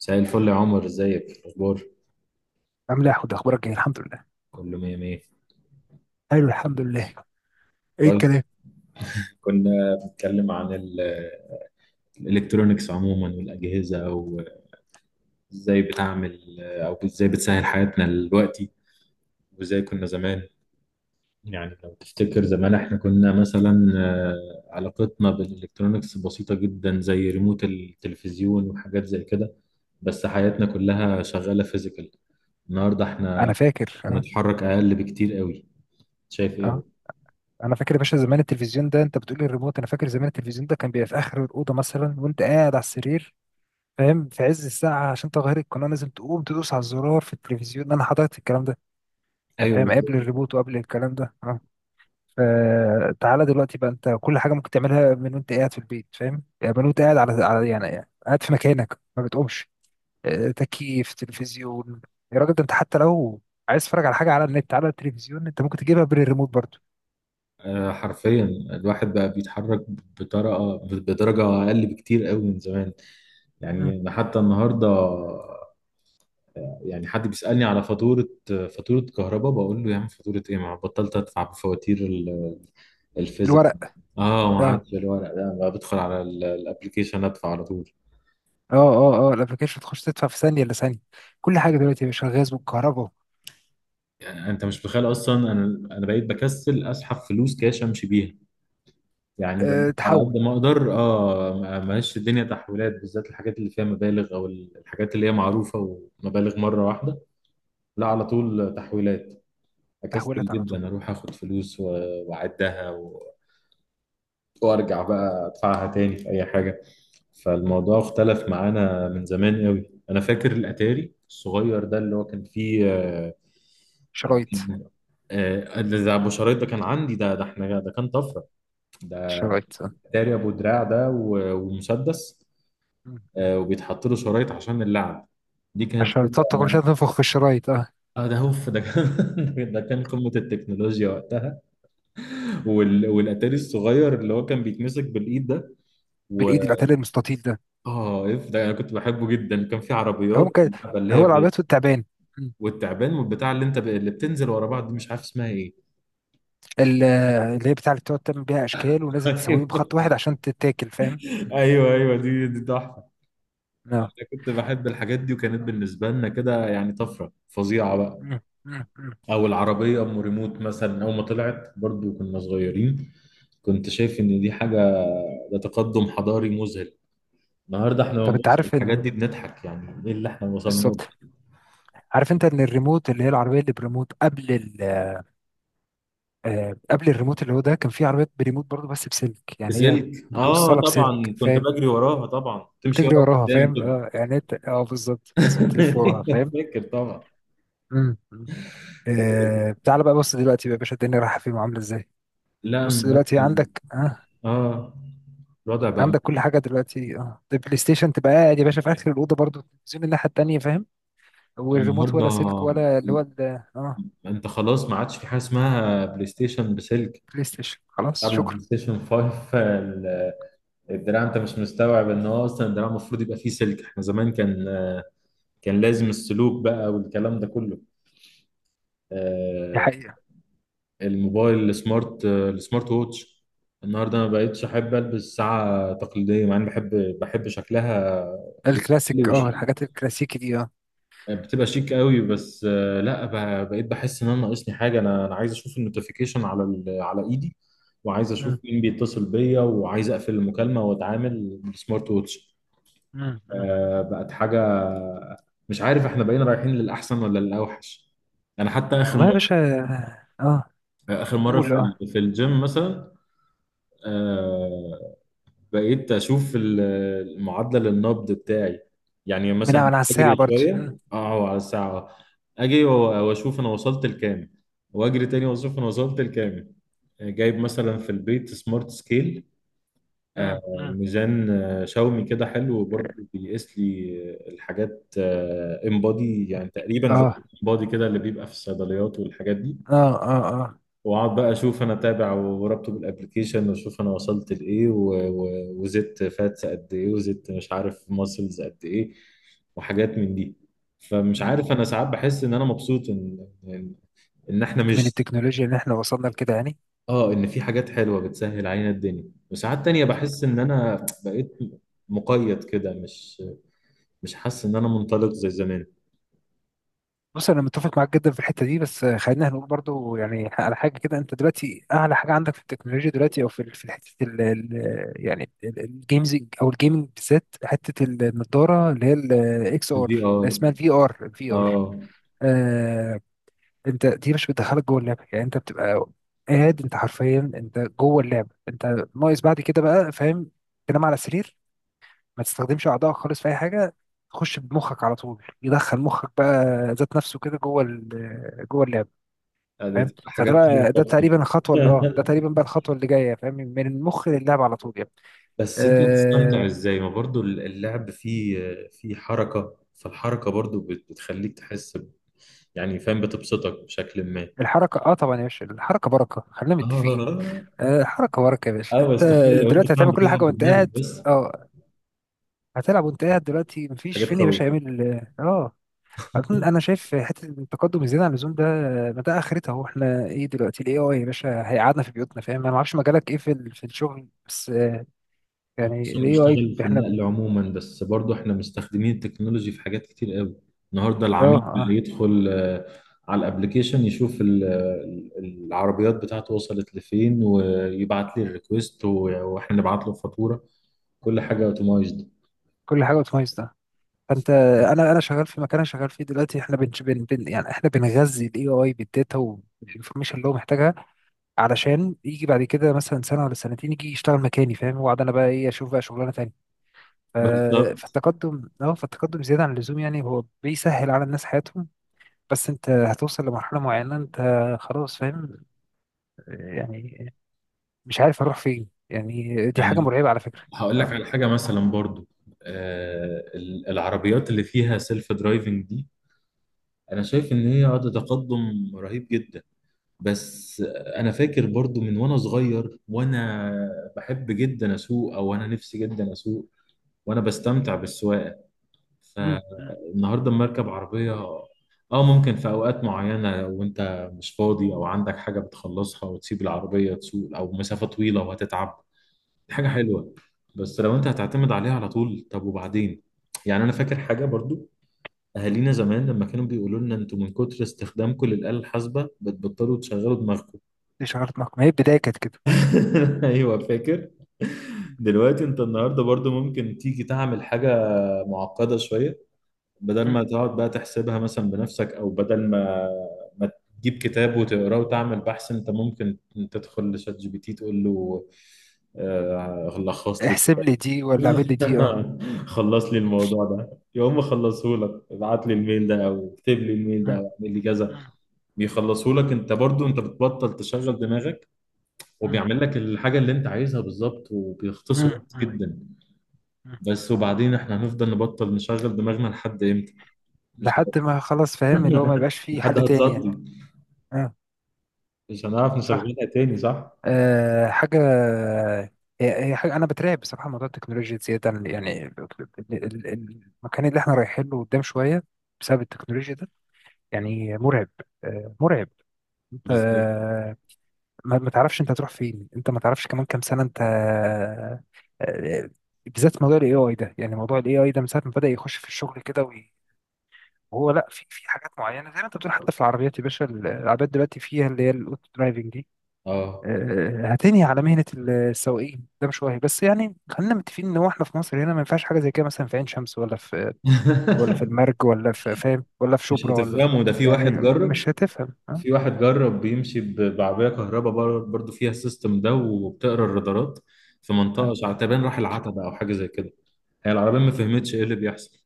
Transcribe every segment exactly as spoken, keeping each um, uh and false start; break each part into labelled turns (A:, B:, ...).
A: مساء الفل يا عمر، ازيك الاخبار؟
B: عامل ايه يا حود، اخبارك ايه؟ الحمد لله.
A: كله مية مية.
B: ايوه الحمد لله. ايه
A: طيب،
B: الكلام؟
A: كنا بنتكلم عن ال- الالكترونيكس عموما والاجهزه، وازاي بتعمل او ازاي بتسهل حياتنا دلوقتي، وازاي كنا زمان. يعني لو تفتكر زمان احنا كنا مثلا آه، علاقتنا بالالكترونيكس بسيطه جدا، زي ريموت التلفزيون وحاجات زي كده، بس حياتنا كلها شغاله فيزيكال. النهارده
B: انا
A: احنا
B: فاكر اه.
A: بنتحرك اقل بكتير قوي. شايف
B: اه
A: ايه؟
B: انا فاكر يا باشا زمان التلفزيون ده انت بتقول الريموت، انا فاكر زمان التلفزيون ده كان بيبقى في اخر الاوضه مثلا وانت قاعد على السرير، فاهم؟ في عز الساعه عشان تغير القناه لازم تقوم تدوس على الزرار في التلفزيون، انا حضرت الكلام ده. يعني فاهم
A: ايوه.
B: قبل الريموت وقبل الكلام ده اه. فتعالى دلوقتي بقى انت كل حاجه ممكن تعملها من وانت قاعد في البيت، فاهم؟ يعني من وانت قاعد على على يعني قاعد في مكانك ما بتقومش. آه، تكييف، تلفزيون. يا راجل ده انت حتى لو عايز تتفرج على حاجه على النت، على التلفزيون انت ممكن تجيبها بالريموت برضو.
A: آه، حرفيا الواحد بقى بيتحرك بطريقه، بدرجه اقل بكتير قوي من زمان.
B: مم.
A: يعني انا حتى النهارده، يعني حد بيسالني على فاتوره، فاتوره كهرباء، بقول له يا عم فاتوره ايه، ما بطلت ادفع بفواتير ال- الفيزيك.
B: الورق.
A: اه ما
B: اه
A: عادش الورق ده، بقى بدخل على الابلكيشن ادفع على طول.
B: اه اه اه الابلكيشن تخش تدفع في ثانيه الا ثانيه. كل حاجه دلوقتي يا باشا، غاز والكهرباء.
A: يعني انت مش متخيل اصلا، انا انا بقيت بكسل اسحب فلوس كاش امشي بيها. يعني بقيت
B: أه
A: على قد
B: تحول.
A: ما اقدر، اه ما- ماشي الدنيا تحويلات، بالذات الحاجات اللي فيها مبالغ، او الحاجات اللي هي معروفه ومبالغ مره واحده. لا، على طول تحويلات. اكسل
B: تحولت على طول.
A: جدا اروح اخد فلوس و- واعدها و... وارجع بقى ادفعها تاني في اي حاجه.
B: مم.
A: فالموضوع اختلف معانا من زمان قوي. انا فاكر الاتاري الصغير ده اللي هو كان فيه آه،
B: شرايط.
A: آه، ده ابو شرايط، ده كان عندي، ده ده احنا ده كان طفره. ده
B: الشرايط اه.
A: اتاري ابو دراع ده و- ومسدس،
B: مم. مم.
A: آه، وبيتحط له شرايط عشان اللعب. دي كانت
B: عشان
A: كده.
B: تقعد كل شويه تنفخ في الشرايط اه.
A: اه ده هوف، ده كان ده كان قمة التكنولوجيا وقتها. وال... والاتاري الصغير اللي هو كان بيتمسك بالايد ده، و
B: بالايد العتال المستطيل ده.
A: اه اف ده انا كنت بحبه جدا. كان في
B: هو
A: عربيات
B: ممكن.
A: اللعبة اللي هي
B: هو
A: ب...
B: العربيات والتعبان. مم.
A: والتعبان والبتاع اللي انت ب... اللي بتنزل ورا بعض، دي مش عارف اسمها ايه.
B: ال- اللي هي بتاع اللي بتقعد تعمل بيها اشكال ولازم تسويه بخط واحد عشان تتاكل، فاهم؟
A: ايوه ايوه ايوه، دي دي تحفة. انا كنت بحب الحاجات دي، وكانت بالنسبة لنا كده يعني طفرة فظيعة بقى.
B: مم. مم. مم.
A: او العربية ام ريموت مثلا، اول ما طلعت برضو كنا صغيرين، كنت شايف ان دي حاجه، ده تقدم حضاري مذهل. النهارده احنا لما
B: طب انت
A: بنبص على
B: عارف
A: الحاجات دي
B: ال...
A: بنضحك، يعني ايه اللي احنا وصلنا له.
B: بالظبط. عارف انت ان الريموت اللي هي العربيه اللي بريموت قبل ال... آه، قبل الريموت اللي هو ده كان في عربيات بريموت برضه بس بسلك، يعني هي
A: بسلك، اه
B: بتوصلها بسلك،
A: طبعا، كنت
B: فاهم؟
A: بجري وراها طبعا تمشي
B: وتجري
A: ورا
B: وراها،
A: قدام
B: فاهم؟
A: كده.
B: اه يعني انت اه بالظبط لازم تلف وراها، فاهم؟
A: فاكر طبعا.
B: مم. مم. آه... تعالى بقى بص دلوقتي بقى يا باشا، الدنيا رايحه فين وعامله ازاي.
A: لا
B: بص دلوقتي
A: النهارده،
B: عندك اه،
A: اه الوضع بقى
B: عندك كل
A: مخيف.
B: حاجه دلوقتي اه، البلاي ستيشن تبقى قاعد يا باشا في اخر الاوضه برضه، التلفزيون الناحيه التانيه، فاهم؟ والريموت ولا سلك
A: النهارده
B: ولا اللي هو ال- اه،
A: انت خلاص ما عادش في حاجه اسمها بلاي ستيشن بسلك.
B: بلاي ستيشن خلاص،
A: قبل البلاي
B: شكرا.
A: ستيشن خمسة، ال- الدراع، انت مش مستوعب ان هو اصلا الدراع المفروض يبقى فيه سلك. احنا زمان كان، كان لازم السلوك بقى والكلام ده كله.
B: دي
A: آه،
B: حقيقة.
A: الموبايل السمارت، آه، السمارت ووتش، النهارده ما بقتش احب البس ساعه تقليديه، مع اني بحب بحب شكلها، جميل
B: الكلاسيك اه،
A: وشيك.
B: الحاجات الكلاسيكي دي اه.
A: آه، بتبقى شيك قوي، بس آه، لا ب- بقيت بحس ان انا ناقصني حاجه. انا انا عايز اشوف النوتيفيكيشن على ال- على ايدي، وعايز اشوف
B: مم.
A: مين بيتصل بيا، وعايز اقفل المكالمه واتعامل بالسمارت ووتش.
B: مم. مم.
A: آه، بقت حاجه. مش عارف احنا بقينا رايحين للاحسن ولا للاوحش. انا حتى اخر
B: والله يا باشا. اه
A: اخر مره في
B: قول اه.
A: ال- في الجيم مثلا، آه، بقيت اشوف ال- المعادله للنبض بتاعي. يعني
B: من على
A: مثلا
B: على الساعة
A: اجري
B: برضه مم.
A: شويه اه على الساعه، اجي و- واشوف انا وصلت لكام، واجري تاني واشوف انا وصلت لكام. آه، جايب مثلا في البيت سمارت سكيل، آه،
B: مم. مم.
A: ميزان آه، شاومي كده حلو، وبرضه بيقيس لي آه، الحاجات، انبادي يعني،
B: بك-
A: تقريبا زي
B: اه.
A: الانبادي كده اللي بيبقى في الصيدليات والحاجات دي.
B: اه اه اه
A: واقعد بقى اشوف انا، اتابع وربطه بالابلكيشن، واشوف انا وصلت لايه و- و- وزدت فاتس قد ايه، وزدت مش عارف ماسلز قد ايه، وحاجات من دي. فمش
B: مم.
A: عارف، انا ساعات بحس ان انا مبسوط ان ان إن احنا
B: من
A: مش،
B: التكنولوجيا اللي احنا وصلنا لكده يعني.
A: اه ان في حاجات حلوه بتسهل علينا الدنيا، وساعات تانية بحس ان انا بقيت مقيد كده، مش مش حاسس ان انا منطلق زي زمان.
B: بص انا متفق معاك جدا في الحته دي، بس خلينا هنقول برضو يعني على حاجه كده، انت دلوقتي اعلى حاجه عندك في التكنولوجيا دلوقتي او في ال- في حته ال ال- يعني الجيمز او الجيمنج بالذات، حته النضاره اللي هي الاكس ار،
A: الفي ار،
B: اسمها الفي ار، الفي ار.
A: اه
B: آه. انت دي مش بتدخلك جوه اللعبه؟ يعني انت بتبقى قاعد، انت حرفيا انت جوه اللعبه. انت ناقص بعد كده بقى، فاهم؟ تنام على سرير، ما تستخدمش اعضائك خالص في اي حاجه، تخش بمخك على طول، يدخل مخك بقى ذات نفسه كده جوه ال- جوه اللعب،
A: آه، ده
B: فاهم؟
A: تبقى
B: فده
A: حاجات ليها
B: بقى ده
A: أكتر.
B: تقريبا الخطوه اللي اه، ده تقريبا بقى الخطوه اللي جايه، فاهم؟ من المخ للعب على طول يعني.
A: بس انت بتستمتع
B: آه.
A: ازاي، ما برضو اللعب فيه، فيه حركة، فالحركة برضو بت- بتخليك تحس ب- يعني فاهم، بتبسطك بشكل ما.
B: الحركه اه، طبعا يا باشا الحركه بركه، خلينا
A: اه اه
B: متفقين. آه الحركه بركه يا باشا
A: آه،
B: انت.
A: بس تخيل لو انت
B: دلوقتي
A: فاهم
B: هتعمل كل حاجه
A: بتلعب
B: وانت
A: بدماغك
B: قاعد.
A: بس.
B: اه، هتلعب وانت قاعد دلوقتي، مفيش
A: حاجات
B: فين يا
A: تخوف.
B: باشا يعمل. اه آه. أظن أنا شايف حتة التقدم الزيادة عن اللزوم ده، ما ده آخرتها؟ هو إحنا إيه دلوقتي؟ ال إيه آي يا باشا هيقعدنا في بيوتنا، فاهم؟ أنا ما أعرفش مجالك إيه في ال- في الشغل، بس آه، يعني
A: بص انا
B: ال إيه آي
A: بشتغل في
B: إحنا
A: النقل
B: ب-.
A: عموما، بس برضو احنا مستخدمين التكنولوجي في حاجات كتير قوي. النهارده
B: آه
A: العميل بقى
B: آه.
A: يدخل آه، على الابليكيشن، يشوف ال- ال- العربيات بتاعته وصلت لفين، ويبعت لي الريكوست، واحنا نبعت له الفاتوره. كل حاجه اوتومايزد.
B: كل حاجة بتميز ده. فأنت، أنا أنا شغال في مكان، أنا شغال فيه دلوقتي إحنا بن بن بن- يعني إحنا بنغذي ال إيه آي بالداتا والإنفورميشن اللي هو محتاجها، علشان يجي بعد كده مثلا سنة ولا سنتين يجي يشتغل مكاني، فاهم؟ وأقعد أنا بقى إيه، أشوف بقى شغلانة تانية. ف-.
A: بالظبط.
B: فالتقدم اه فالتقدم زيادة عن اللزوم يعني، هو بيسهل على الناس حياتهم بس انت هتوصل لمرحلة معينة انت خلاص، فاهم؟ يعني مش عارف اروح فين، يعني دي حاجة
A: يعني
B: مرعبة على فكرة.
A: هقول لك
B: اه
A: على حاجه مثلا برضو، آه، ال- العربيات اللي فيها سيلف درايفنج دي، انا شايف ان هي ده تقدم رهيب جدا. بس انا فاكر برضو من وانا صغير، وانا بحب جدا اسوق، او انا نفسي جدا اسوق وانا بستمتع بالسواقه.
B: مم، مم،
A: فالنهارده لما اركب عربيه، اه ممكن في اوقات معينه وانت مش فاضي، او عندك حاجه بتخلصها وتسيب العربيه تسوق، او مسافه طويله وهتتعب، دي حاجه
B: مم،
A: حلوه. بس لو انت
B: مم.
A: هتعتمد عليها على طول، طب وبعدين؟ يعني انا فاكر حاجه برضو، اهالينا زمان لما كانوا بيقولوا لنا انتوا من كتر استخدامكم للآلة الحاسبة بتبطلوا تشغلوا دماغكم.
B: دي شعرت نقم، ما هي البداية كانت كده.
A: ايوه فاكر.
B: مم،
A: دلوقتي انت النهارده برضو ممكن تيجي تعمل حاجه معقده شويه، بدل
B: مم.
A: ما تقعد بقى تحسبها مثلا بنفسك، او بدل ما ما تجيب كتاب وتقراه وتعمل بحث، انت ممكن تدخل لشات جي بي تي تقول له آه، لخص لي،
B: احسب لي دي ولا اعمل لي دي اه.
A: خلص لي الموضوع ده، يقوم مخلصه لك. ابعت لي الميل ده، او اكتب لي الميل ده،
B: مم،
A: او اعمل لي كذا،
B: مم،
A: بيخلصه لك. انت برضو انت بتبطل تشغل دماغك،
B: مم،
A: وبيعمل لك الحاجة اللي انت عايزها بالظبط، وبيختصر
B: مم،
A: وقت
B: مم،
A: جدا.
B: مم.
A: بس وبعدين، احنا هنفضل نبطل نشغل دماغنا لحد امتى؟ مش عارف.
B: لحد ما خلاص، فاهم؟ اللي هو ما يبقاش فيه
A: لحد
B: حل تاني يعني.
A: هتصدي،
B: اه.
A: مش هنعرف
B: صح.
A: نشغلها تاني. صح.
B: أه حاجة. هي هي حاجة أنا بترعب بصراحة، موضوع التكنولوجيا زيادة عن- يعني ال- ال- ال- المكان اللي احنا رايحين له قدام شوية بسبب التكنولوجيا ده يعني مرعب، أه مرعب. أنت
A: بالظبط.
B: آه، ما ما تعرفش أنت هتروح فين، أنت ما تعرفش كمان كام سنة أنت آه، آه، بالذات موضوع الاي اي ده، يعني موضوع الاي اي ده من ساعة ما بدأ يخش في الشغل كده وي-، وهو لا، في في حاجات معينة زي ما أنت بتقول، حتى في العربيات يا باشا، العربيات دلوقتي فيها اللي هي الأوتو درايفنج دي
A: اه
B: آه، هتنهي على مهنة ال- السواقين ده، مش وهي بس، يعني خلينا متفقين ان هو احنا في مصر هنا ما ينفعش حاجة زي كده، مثلا في عين شمس ولا في، ولا في المرج ولا في فاهم، ولا في
A: مش
B: شبرا ولا،
A: هتفهمه، ده في
B: يعني
A: واحد جرب.
B: مش هتفهم اه.
A: في واحد جرب، بيمشي ب- بعربية كهرباء بر- برضو فيها السيستم ده، وبتقرا الرادارات، في
B: اه
A: منطقة شعتبان راح العتبة او حاجة زي كده، هي العربية ما فهمتش ايه اللي بيحصل.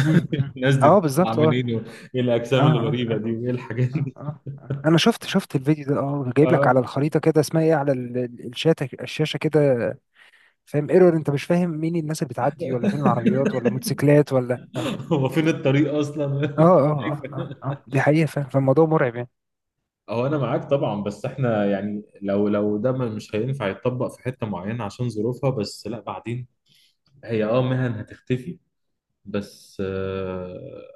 B: مم، مم.
A: الناس دي
B: آه، بالظبط اه.
A: عاملين ايه، ايه
B: اه
A: الاجسام الغريبة
B: اه
A: دي، وايه الحاجات؟
B: اه اه آه انا شفت، شفت الفيديو ده اه، جايب لك
A: اه.
B: على الخريطة كده اسمها ايه، على ال- ال- الشاشة، الشاشة كده، فاهم؟ ايرور. انت مش فاهم مين الناس اللي بتعدي ولا فين العربيات ولا موتوسيكلات ولا اه.
A: هو فين الطريق اصلا؟
B: اه
A: شايف؟
B: اه اه اه آه. دي حقيقة، فاهم؟ فالموضوع مرعب يعني.
A: هو انا معاك طبعا، بس احنا يعني، لو لو ده ما- مش هينفع يتطبق في حته معينه عشان ظروفها، بس لا بعدين، هي اه مهن هتختفي، بس آه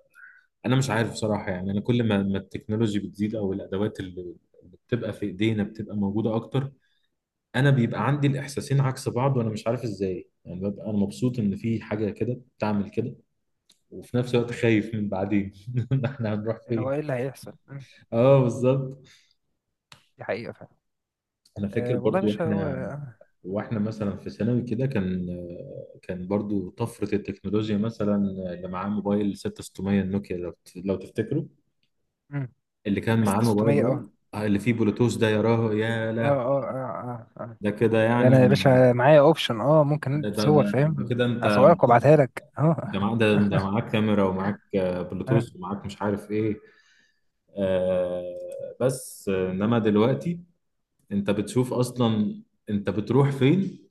A: انا مش عارف بصراحه. يعني انا كل ما ما التكنولوجي بتزيد، او الادوات اللي اللي بتبقى في ايدينا بتبقى موجوده اكتر، انا بيبقى عندي الاحساسين عكس بعض، وانا مش عارف ازاي. يعني ببقى انا مبسوط ان في حاجه كده بتعمل كده، وفي نفس الوقت خايف من بعدين. احنا هنروح
B: اللي هو
A: فين؟
B: ايه اللي هيحصل؟ مم.
A: اه بالظبط.
B: دي حقيقة فعلا.
A: انا فاكر
B: أه والله يا
A: برضو،
B: باشا هو.
A: احنا واحنا مثلا في ثانوي كده كان، كان برضو طفرة التكنولوجيا مثلا، اللي معاه موبايل ستة آلاف وستمية النوكيا، لو لو تفتكروا،
B: مم.
A: اللي كان معاه الموبايل
B: استستومية
A: ده،
B: اه.
A: آه، اللي فيه بلوتوث ده، يراه يا
B: اه
A: له،
B: اه اه اه اه.
A: ده كده
B: ده
A: يعني.
B: انا يا باشا معايا اوبشن اه، ممكن
A: ده
B: أنت
A: ده ده,
B: تصور،
A: ده
B: فاهم؟
A: كده انت،
B: اصورك وابعتها لك اه.
A: ده معاك ده, ده معاك كاميرا، ومعاك آه،
B: آه.
A: بلوتوث، ومعاك مش عارف ايه. آه بس آه، انما دلوقتي، انت بتشوف اصلا انت بتروح فين.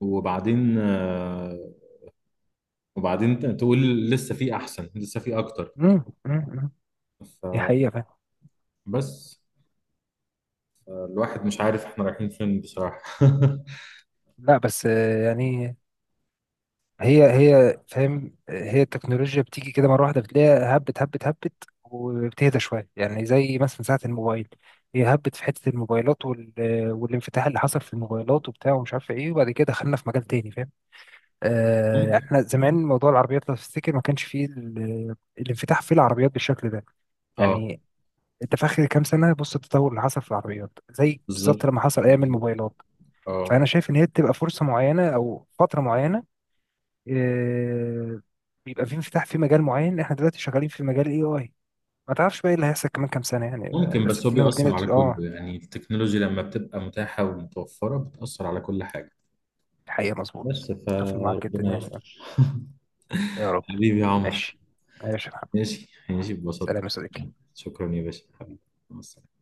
A: وبعدين آه، وبعدين تقول لسه في احسن، لسه في اكتر.
B: مم. مم. مم. دي حقيقة فعلا.
A: فبس، الواحد مش عارف احنا رايحين فين بصراحة.
B: لا بس آه، يعني هي هي فاهم، هي التكنولوجيا بتيجي كده مرة واحدة، بتلاقيها هبت هبت هبت، وبتهدى شوية يعني، زي مثلا ساعة الموبايل، هي هبت في حتة الموبايلات وال...، والانفتاح اللي حصل في الموبايلات وبتاع ومش عارف ايه، وبعد كده دخلنا في مجال تاني، فاهم؟ آه،
A: ممكن.
B: يعني احنا زمان موضوع العربيات لو تفتكر ما كانش فيه ال- الانفتاح في العربيات بالشكل ده،
A: اه
B: يعني انت في اخر كام سنه بص التطور اللي حصل في العربيات زي بالظبط
A: بالظبط.
B: لما حصل ايام
A: بالظبط.
B: الموبايلات. فانا
A: اه
B: شايف ان هي بتبقى فرصه معينه او فتره معينه، آه، بيبقى في انفتاح في مجال معين، احنا دلوقتي شغالين في مجال الاي اي، ما تعرفش بقى ايه اللي هيحصل كمان كام سنه، يعني آه،
A: ممكن،
B: بس
A: بس هو
B: الدنيا، والدنيا
A: بيأثر
B: بت-
A: على كله،
B: اه.
A: يعني التكنولوجيا لما بتبقى متاحة ومتوفرة بتأثر على كل حاجة.
B: الحقيقه مظبوط،
A: بس
B: متفق معاك جدا
A: فربنا
B: يعني.
A: يستر.
B: يا رب.
A: حبيبي يا عمر.
B: ماشي. ماشي يا محمد.
A: ماشي، ماشي
B: سلام
A: ببساطة.
B: يا صديقي.
A: شكرا يا باشا حبيبي. مع السلامة.